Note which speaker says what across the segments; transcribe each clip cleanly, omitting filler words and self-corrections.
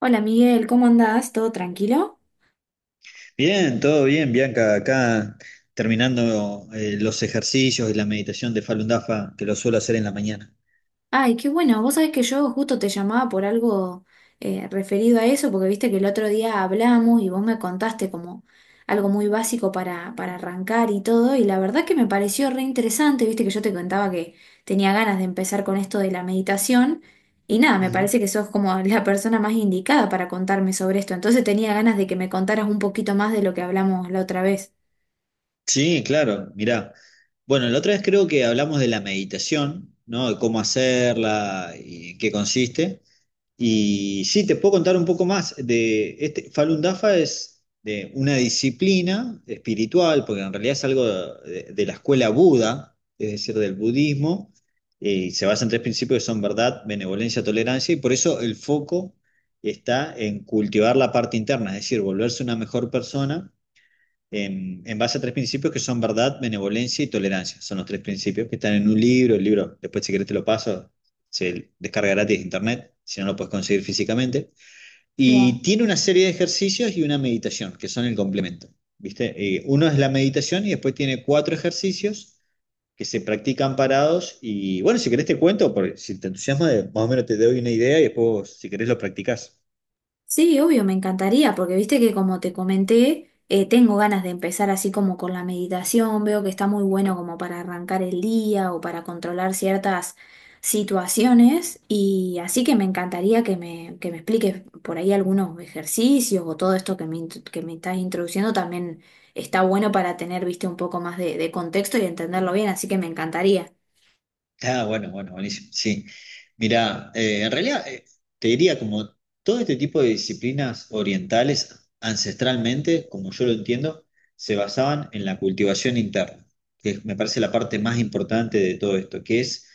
Speaker 1: Hola Miguel, ¿cómo andás? ¿Todo tranquilo?
Speaker 2: Bien, todo bien, Bianca. Acá terminando los ejercicios y la meditación de Falun Dafa, que lo suelo hacer en la mañana.
Speaker 1: Ay, qué bueno, vos sabés que yo justo te llamaba por algo referido a eso, porque viste que el otro día hablamos y vos me contaste como algo muy básico para arrancar y todo, y la verdad que me pareció re interesante, viste que yo te contaba que tenía ganas de empezar con esto de la meditación, y nada, me
Speaker 2: Ujú.
Speaker 1: parece que sos como la persona más indicada para contarme sobre esto, entonces tenía ganas de que me contaras un poquito más de lo que hablamos la otra vez.
Speaker 2: Sí, claro, mirá. Bueno, la otra vez creo que hablamos de la meditación, ¿no? De cómo hacerla y en qué consiste. Y sí, te puedo contar un poco más de este Falun Dafa es de una disciplina espiritual, porque en realidad es algo de la escuela Buda, es decir, del budismo, y se basa en tres principios que son verdad, benevolencia, tolerancia, y por eso el foco está en cultivar la parte interna, es decir, volverse una mejor persona en base a tres principios que son verdad, benevolencia y tolerancia. Son los tres principios que están en un libro. El libro, después si querés te lo paso, se descarga gratis de internet, si no lo puedes conseguir físicamente. Y tiene una serie de ejercicios y una meditación, que son el complemento. ¿Viste? Uno es la meditación y después tiene cuatro ejercicios que se practican parados. Y bueno, si querés te cuento, porque si te entusiasma, más o menos te doy una idea y después si querés lo practicás.
Speaker 1: Sí, obvio, me encantaría, porque viste que como te comenté, tengo ganas de empezar así como con la meditación, veo que está muy bueno como para arrancar el día o para controlar ciertas situaciones, y así que me encantaría que me expliques por ahí algunos ejercicios o todo esto que que me estás introduciendo también está bueno para tener, viste, un poco más de contexto y entenderlo bien, así que me encantaría.
Speaker 2: Ah, bueno, bueno, buenísimo. Sí. Mira, en realidad te diría como todo este tipo de disciplinas orientales ancestralmente, como yo lo entiendo, se basaban en la cultivación interna, me parece la parte más importante de todo esto, que es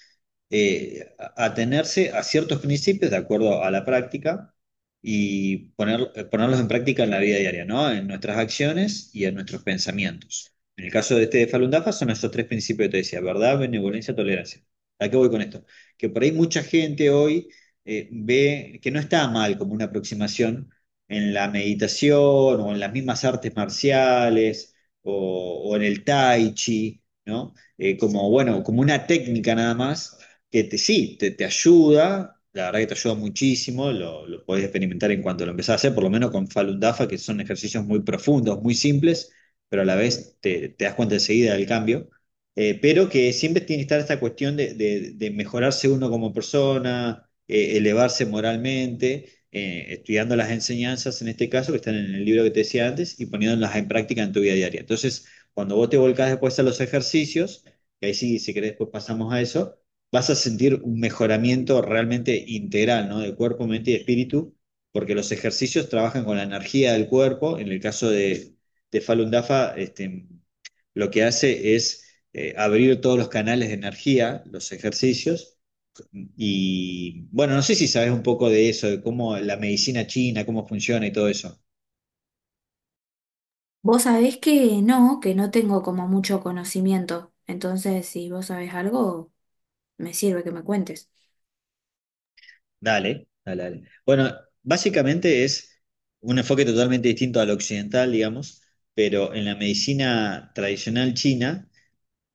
Speaker 2: atenerse a ciertos principios de acuerdo a la práctica y ponerlos en práctica en la vida diaria, ¿no? En nuestras acciones y en nuestros pensamientos. En el caso de este de Falun Dafa son esos tres principios que te decía, verdad, benevolencia, tolerancia. ¿A qué voy con esto? Que por ahí mucha gente hoy ve que no está mal como una aproximación en la meditación o en las mismas artes marciales o en el tai chi, ¿no? Como, bueno, como una técnica nada más que sí, te ayuda, la verdad que te ayuda muchísimo, lo podés experimentar en cuanto lo empezás a hacer, por lo menos con Falun Dafa, que son ejercicios muy profundos, muy simples, pero a la vez te das cuenta enseguida del cambio pero que siempre tiene que estar esta cuestión de mejorarse uno como persona, elevarse moralmente, estudiando las enseñanzas en este caso que están en el libro que te decía antes y poniéndolas en práctica en tu vida diaria. Entonces, cuando vos te volcás después a los ejercicios, que ahí sí, si querés, después pasamos a eso, vas a sentir un mejoramiento realmente integral, ¿no? De cuerpo, mente y espíritu, porque los ejercicios trabajan con la energía del cuerpo, en el caso de Falun Dafa, este, lo que hace es abrir todos los canales de energía, los ejercicios. Y bueno, no sé si sabes un poco de eso, de cómo la medicina china, cómo funciona y todo eso.
Speaker 1: Vos sabés que no tengo como mucho conocimiento, entonces si vos sabés algo. Me sirve que me cuentes.
Speaker 2: Dale, dale, dale. Bueno, básicamente es un enfoque totalmente distinto al occidental, digamos, pero en la medicina tradicional china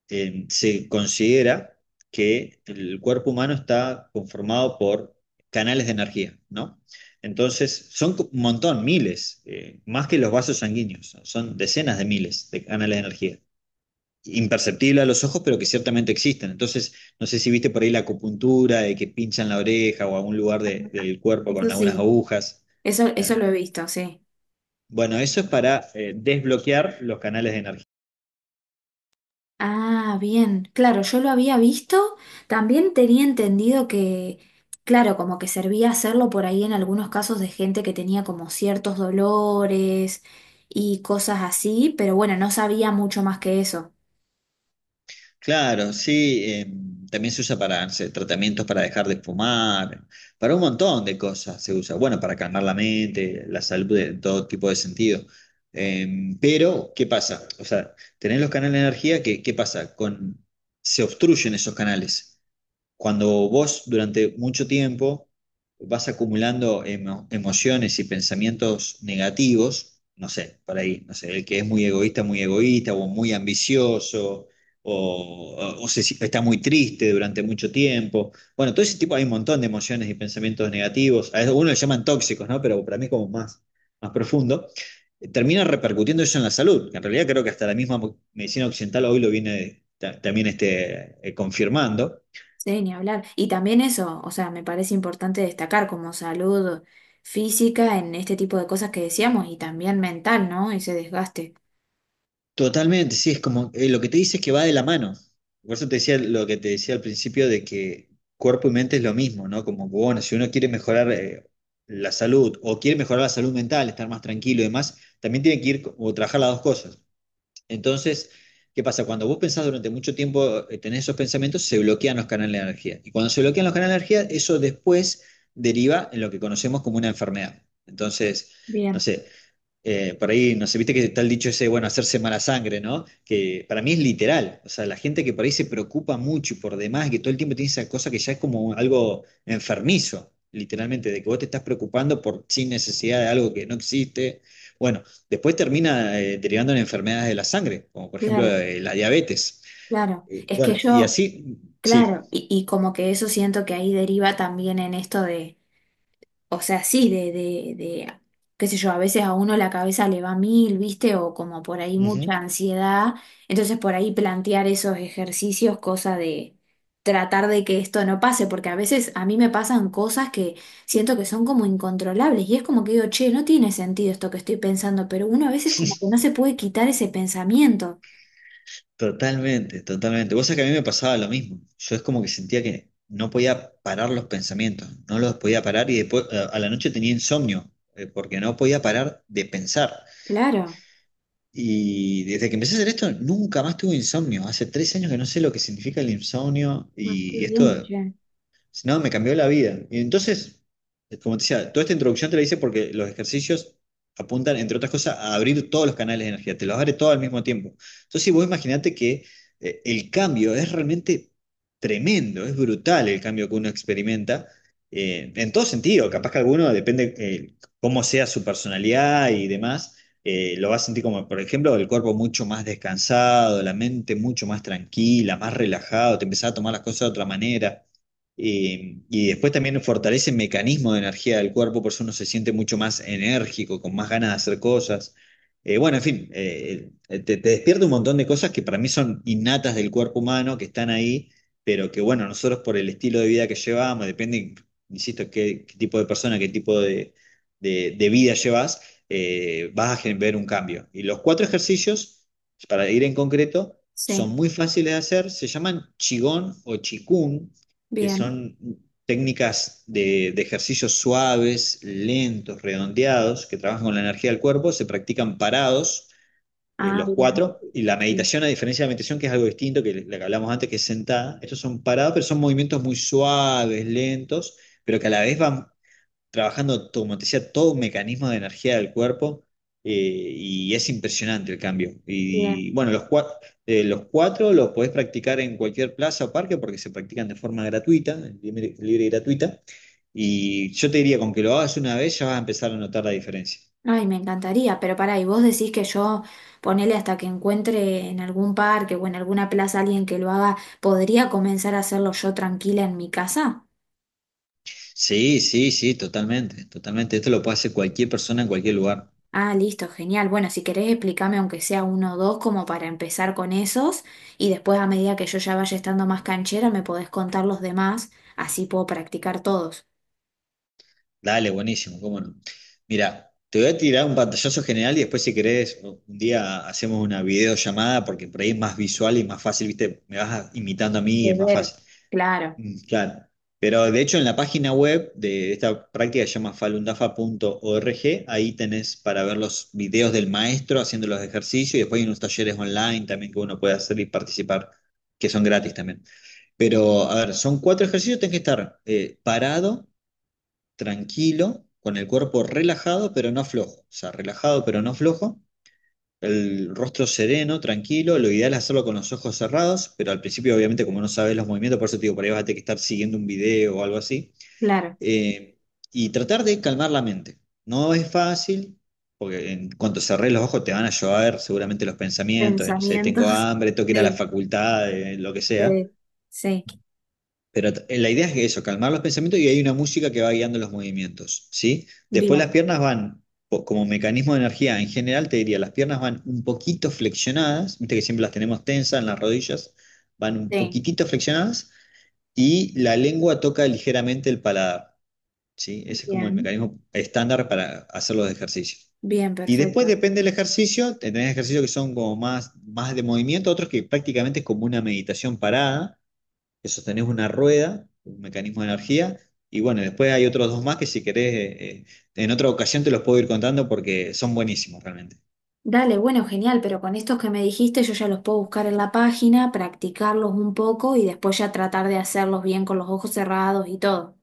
Speaker 2: se considera que el cuerpo humano está conformado por canales de energía, ¿no? Entonces, son un montón, miles, más que los vasos sanguíneos, son decenas de miles de canales de energía. Imperceptible a los ojos, pero que ciertamente existen. Entonces, no sé si viste por ahí la acupuntura, de que pinchan la oreja o algún lugar del cuerpo con
Speaker 1: Eso
Speaker 2: algunas
Speaker 1: sí,
Speaker 2: agujas. Ah,
Speaker 1: eso lo he visto, sí.
Speaker 2: bueno, eso es para desbloquear los canales de energía.
Speaker 1: Ah, bien. Claro, yo lo había visto. También tenía entendido que, claro, como que servía hacerlo por ahí en algunos casos de gente que tenía como ciertos dolores y cosas así, pero bueno, no sabía mucho más que eso.
Speaker 2: Claro, sí, también se usa para no sé, tratamientos para dejar de fumar, para un montón de cosas se usa. Bueno, para calmar la mente, la salud en todo tipo de sentido. Pero, ¿qué pasa? O sea, tenés los canales de energía que, ¿qué pasa? Con, se obstruyen esos canales. Cuando vos durante mucho tiempo vas acumulando emociones y pensamientos negativos, no sé, por ahí, no sé, el que es muy egoísta, o muy ambicioso, o se si- está muy triste durante mucho tiempo. Bueno, todo ese tipo, hay un montón de emociones y pensamientos negativos. A algunos le llaman tóxicos, ¿no? Pero para mí es como más, más profundo. Termina repercutiendo eso en la salud. Que En realidad creo que hasta la misma medicina occidental hoy lo viene también este, confirmando.
Speaker 1: Sí, ni hablar. Y también eso, o sea, me parece importante destacar como salud física en este tipo de cosas que decíamos y también mental, ¿no? Ese desgaste.
Speaker 2: Totalmente, sí, es como lo que te dice es que va de la mano. Por eso te decía lo que te decía al principio de que cuerpo y mente es lo mismo, ¿no? Como, bueno, si uno quiere mejorar la salud o quiere mejorar la salud mental, estar más tranquilo y demás, también tiene que ir o trabajar las dos cosas. Entonces, ¿qué pasa? Cuando vos pensás durante mucho tiempo, tenés esos pensamientos, se bloquean los canales de energía. Y cuando se bloquean los canales de energía, eso después deriva en lo que conocemos como una enfermedad. Entonces, no
Speaker 1: Bien,
Speaker 2: sé, por ahí, no sé, viste que está el dicho ese, bueno, hacerse mala sangre, ¿no? Que para mí es literal. O sea, la gente que por ahí se preocupa mucho y por demás, y que todo el tiempo tiene esa cosa que ya es como algo enfermizo, literalmente, de que vos te estás preocupando por sin necesidad de algo que no existe. Bueno, después termina derivando en enfermedades de la sangre, como por ejemplo
Speaker 1: claro.
Speaker 2: la diabetes.
Speaker 1: Claro, es que
Speaker 2: Bueno, y
Speaker 1: yo,
Speaker 2: así, sí.
Speaker 1: claro, y como que eso siento que ahí deriva también en esto de, o sea, sí, de qué sé yo, a veces a uno la cabeza le va mil, ¿viste? O como por ahí mucha ansiedad, entonces por ahí plantear esos ejercicios, cosa de tratar de que esto no pase, porque a veces a mí me pasan cosas que siento que son como incontrolables y es como que digo, che, no tiene sentido esto que estoy pensando, pero uno a veces como que no se puede quitar ese pensamiento.
Speaker 2: Totalmente, totalmente. Vos sabés que a mí me pasaba lo mismo. Yo es como que sentía que no podía parar los pensamientos, no los podía parar y después a la noche tenía insomnio, porque no podía parar de pensar.
Speaker 1: Claro.
Speaker 2: Y desde que empecé a hacer esto, nunca más tuve insomnio. Hace 3 años que no sé lo que significa el insomnio
Speaker 1: Ah, qué
Speaker 2: y
Speaker 1: bien,
Speaker 2: esto
Speaker 1: che.
Speaker 2: si no, me cambió la vida. Y entonces, como te decía, toda esta introducción te la hice porque los ejercicios apuntan, entre otras cosas, a abrir todos los canales de energía, te los abre todo al mismo tiempo. Entonces, si vos imaginate que el cambio es realmente tremendo, es brutal el cambio que uno experimenta, en todo sentido, capaz que alguno, depende cómo sea su personalidad y demás, lo va a sentir como, por ejemplo, el cuerpo mucho más descansado, la mente mucho más tranquila, más relajado, te empezás a tomar las cosas de otra manera. Y después también fortalece el mecanismo de energía del cuerpo, por eso uno se siente mucho más enérgico, con más ganas de hacer cosas. Bueno, en fin, te despierta un montón de cosas que para mí son innatas del cuerpo humano, que están ahí, pero que bueno, nosotros por el estilo de vida que llevamos, depende, insisto, qué tipo de persona, qué tipo de vida llevas, vas a ver un cambio. Y los cuatro ejercicios, para ir en concreto, son
Speaker 1: Sí.
Speaker 2: muy fáciles de hacer, se llaman Qigong o Chikung que
Speaker 1: Bien.
Speaker 2: son técnicas de ejercicios suaves, lentos, redondeados, que trabajan con la energía del cuerpo, se practican parados. eh,
Speaker 1: Ah,
Speaker 2: los
Speaker 1: bien.
Speaker 2: cuatro, y la
Speaker 1: Sí,
Speaker 2: meditación, a diferencia de la meditación, que es algo distinto, que la que hablamos antes, que es sentada, estos son parados, pero son movimientos muy suaves, lentos, pero que a la vez van trabajando, como te decía, todo un mecanismo de energía del cuerpo y es impresionante el cambio.
Speaker 1: bien.
Speaker 2: Y bueno, los cuatro los podés practicar en cualquier plaza o parque porque se practican de forma gratuita, libre, libre y gratuita. Y yo te diría, con que lo hagas una vez ya vas a empezar a notar la diferencia.
Speaker 1: Ay, me encantaría, pero pará, y vos decís que yo ponele hasta que encuentre en algún parque o en alguna plaza alguien que lo haga, ¿podría comenzar a hacerlo yo tranquila en mi casa?
Speaker 2: Sí, sí, sí, totalmente, totalmente. Esto lo puede hacer cualquier persona en cualquier lugar.
Speaker 1: Ah, listo, genial. Bueno, si querés explícame aunque sea uno o dos como para empezar con esos y después a medida que yo ya vaya estando más canchera me podés contar los demás, así puedo practicar todos.
Speaker 2: Dale, buenísimo, cómo no. Mira, te voy a tirar un pantallazo general y después si querés un día hacemos una videollamada porque por ahí es más visual y más fácil, viste, me vas imitando a mí y
Speaker 1: De
Speaker 2: es más
Speaker 1: ver,
Speaker 2: fácil.
Speaker 1: claro.
Speaker 2: Mm, claro. Pero de hecho en la página web de esta práctica que se llama falundafa.org, ahí tenés para ver los videos del maestro haciendo los ejercicios y después hay unos talleres online también que uno puede hacer y participar, que son gratis también. Pero, a ver, son cuatro ejercicios, tenés que estar parado tranquilo, con el cuerpo relajado pero no flojo, o sea, relajado pero no flojo, el rostro sereno, tranquilo, lo ideal es hacerlo con los ojos cerrados, pero al principio obviamente como no sabes los movimientos, por eso te digo, por ahí vas a tener que estar siguiendo un video o algo así,
Speaker 1: claro.
Speaker 2: eh, y tratar de calmar la mente. No es fácil, porque en cuanto cerrés los ojos te van a llover seguramente los pensamientos de, no sé, tengo
Speaker 1: Pensamientos.
Speaker 2: hambre, tengo que ir a la
Speaker 1: Sí,
Speaker 2: facultad, de lo que sea.
Speaker 1: sí, sí.
Speaker 2: Pero la idea es que eso, calmar los pensamientos y hay una música que va guiando los movimientos, ¿sí? Después las
Speaker 1: Bien.
Speaker 2: piernas van, como mecanismo de energía, en general te diría, las piernas van un poquito flexionadas, viste que siempre las tenemos tensas en las rodillas, van un
Speaker 1: Sí,
Speaker 2: poquitito flexionadas y la lengua toca ligeramente el paladar, ¿sí? Ese es como el
Speaker 1: bien,
Speaker 2: mecanismo estándar para hacer los ejercicios.
Speaker 1: bien,
Speaker 2: Y después
Speaker 1: perfecto.
Speaker 2: depende del ejercicio, tenés ejercicios que son como más, más de movimiento, otros que prácticamente es como una meditación parada que sostenés una rueda, un mecanismo de energía, y bueno, después hay otros dos más que si querés, en otra ocasión te los puedo ir contando porque son buenísimos realmente.
Speaker 1: Dale, bueno, genial, pero con estos que me dijiste yo ya los puedo buscar en la página, practicarlos un poco y después ya tratar de hacerlos bien con los ojos cerrados y todo.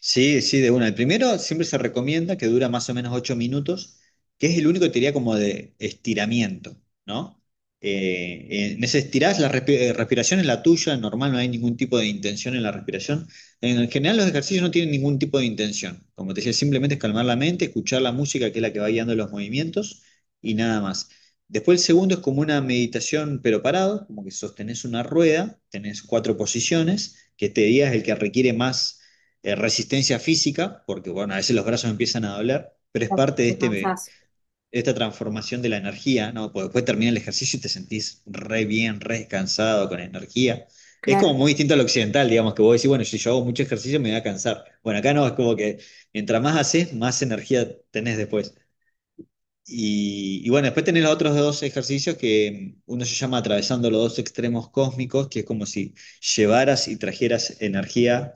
Speaker 2: Sí, sí, de una. El primero siempre se recomienda que dura más o menos 8 minutos, que es el único que te diría como de estiramiento, ¿no? En ese estirás, la respiración es la tuya, normal, no hay ningún tipo de intención en la respiración. En general los ejercicios no tienen ningún tipo de intención. Como te decía, simplemente es calmar la mente, escuchar la música, que es la que va guiando los movimientos, y nada más. Después el segundo es como una meditación, pero parado, como que sostenés una rueda, tenés cuatro posiciones, que este día es el que requiere más resistencia física, porque bueno, a veces los brazos empiezan a doler, pero es
Speaker 1: Ya
Speaker 2: parte de,
Speaker 1: te
Speaker 2: este, de
Speaker 1: cansás.
Speaker 2: esta transformación de la energía, ¿no? Porque después termina el ejercicio y te sentís re bien, re descansado, con energía. Es como
Speaker 1: Claro,
Speaker 2: muy distinto al occidental, digamos, que vos decís, bueno, si yo hago mucho ejercicio me voy a cansar. Bueno, acá no, es como que mientras más haces, más energía tenés después. Y bueno, después tenés los otros dos ejercicios que uno se llama atravesando los dos extremos cósmicos, que es como si llevaras y trajeras energía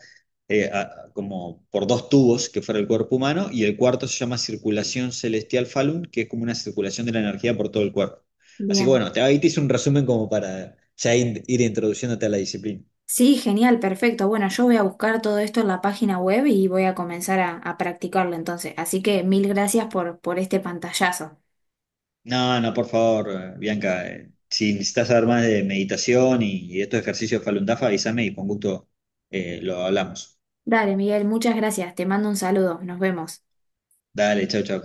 Speaker 2: como por dos tubos que fuera el cuerpo humano, y el cuarto se llama circulación celestial Falun, que es como una circulación de la energía por todo el cuerpo. Así que
Speaker 1: bien.
Speaker 2: bueno, ahí te hice un resumen como para ya ir introduciéndote a la disciplina.
Speaker 1: Sí, genial, perfecto. Bueno, yo voy a buscar todo esto en la página web y voy a comenzar a practicarlo entonces. Así que mil gracias por este pantallazo.
Speaker 2: No, no, por favor, Bianca, si necesitas saber más de meditación y estos ejercicios Falun Dafa, avísame y con gusto lo hablamos.
Speaker 1: Dale, Miguel, muchas gracias. Te mando un saludo. Nos vemos.
Speaker 2: Dale, chau, chau.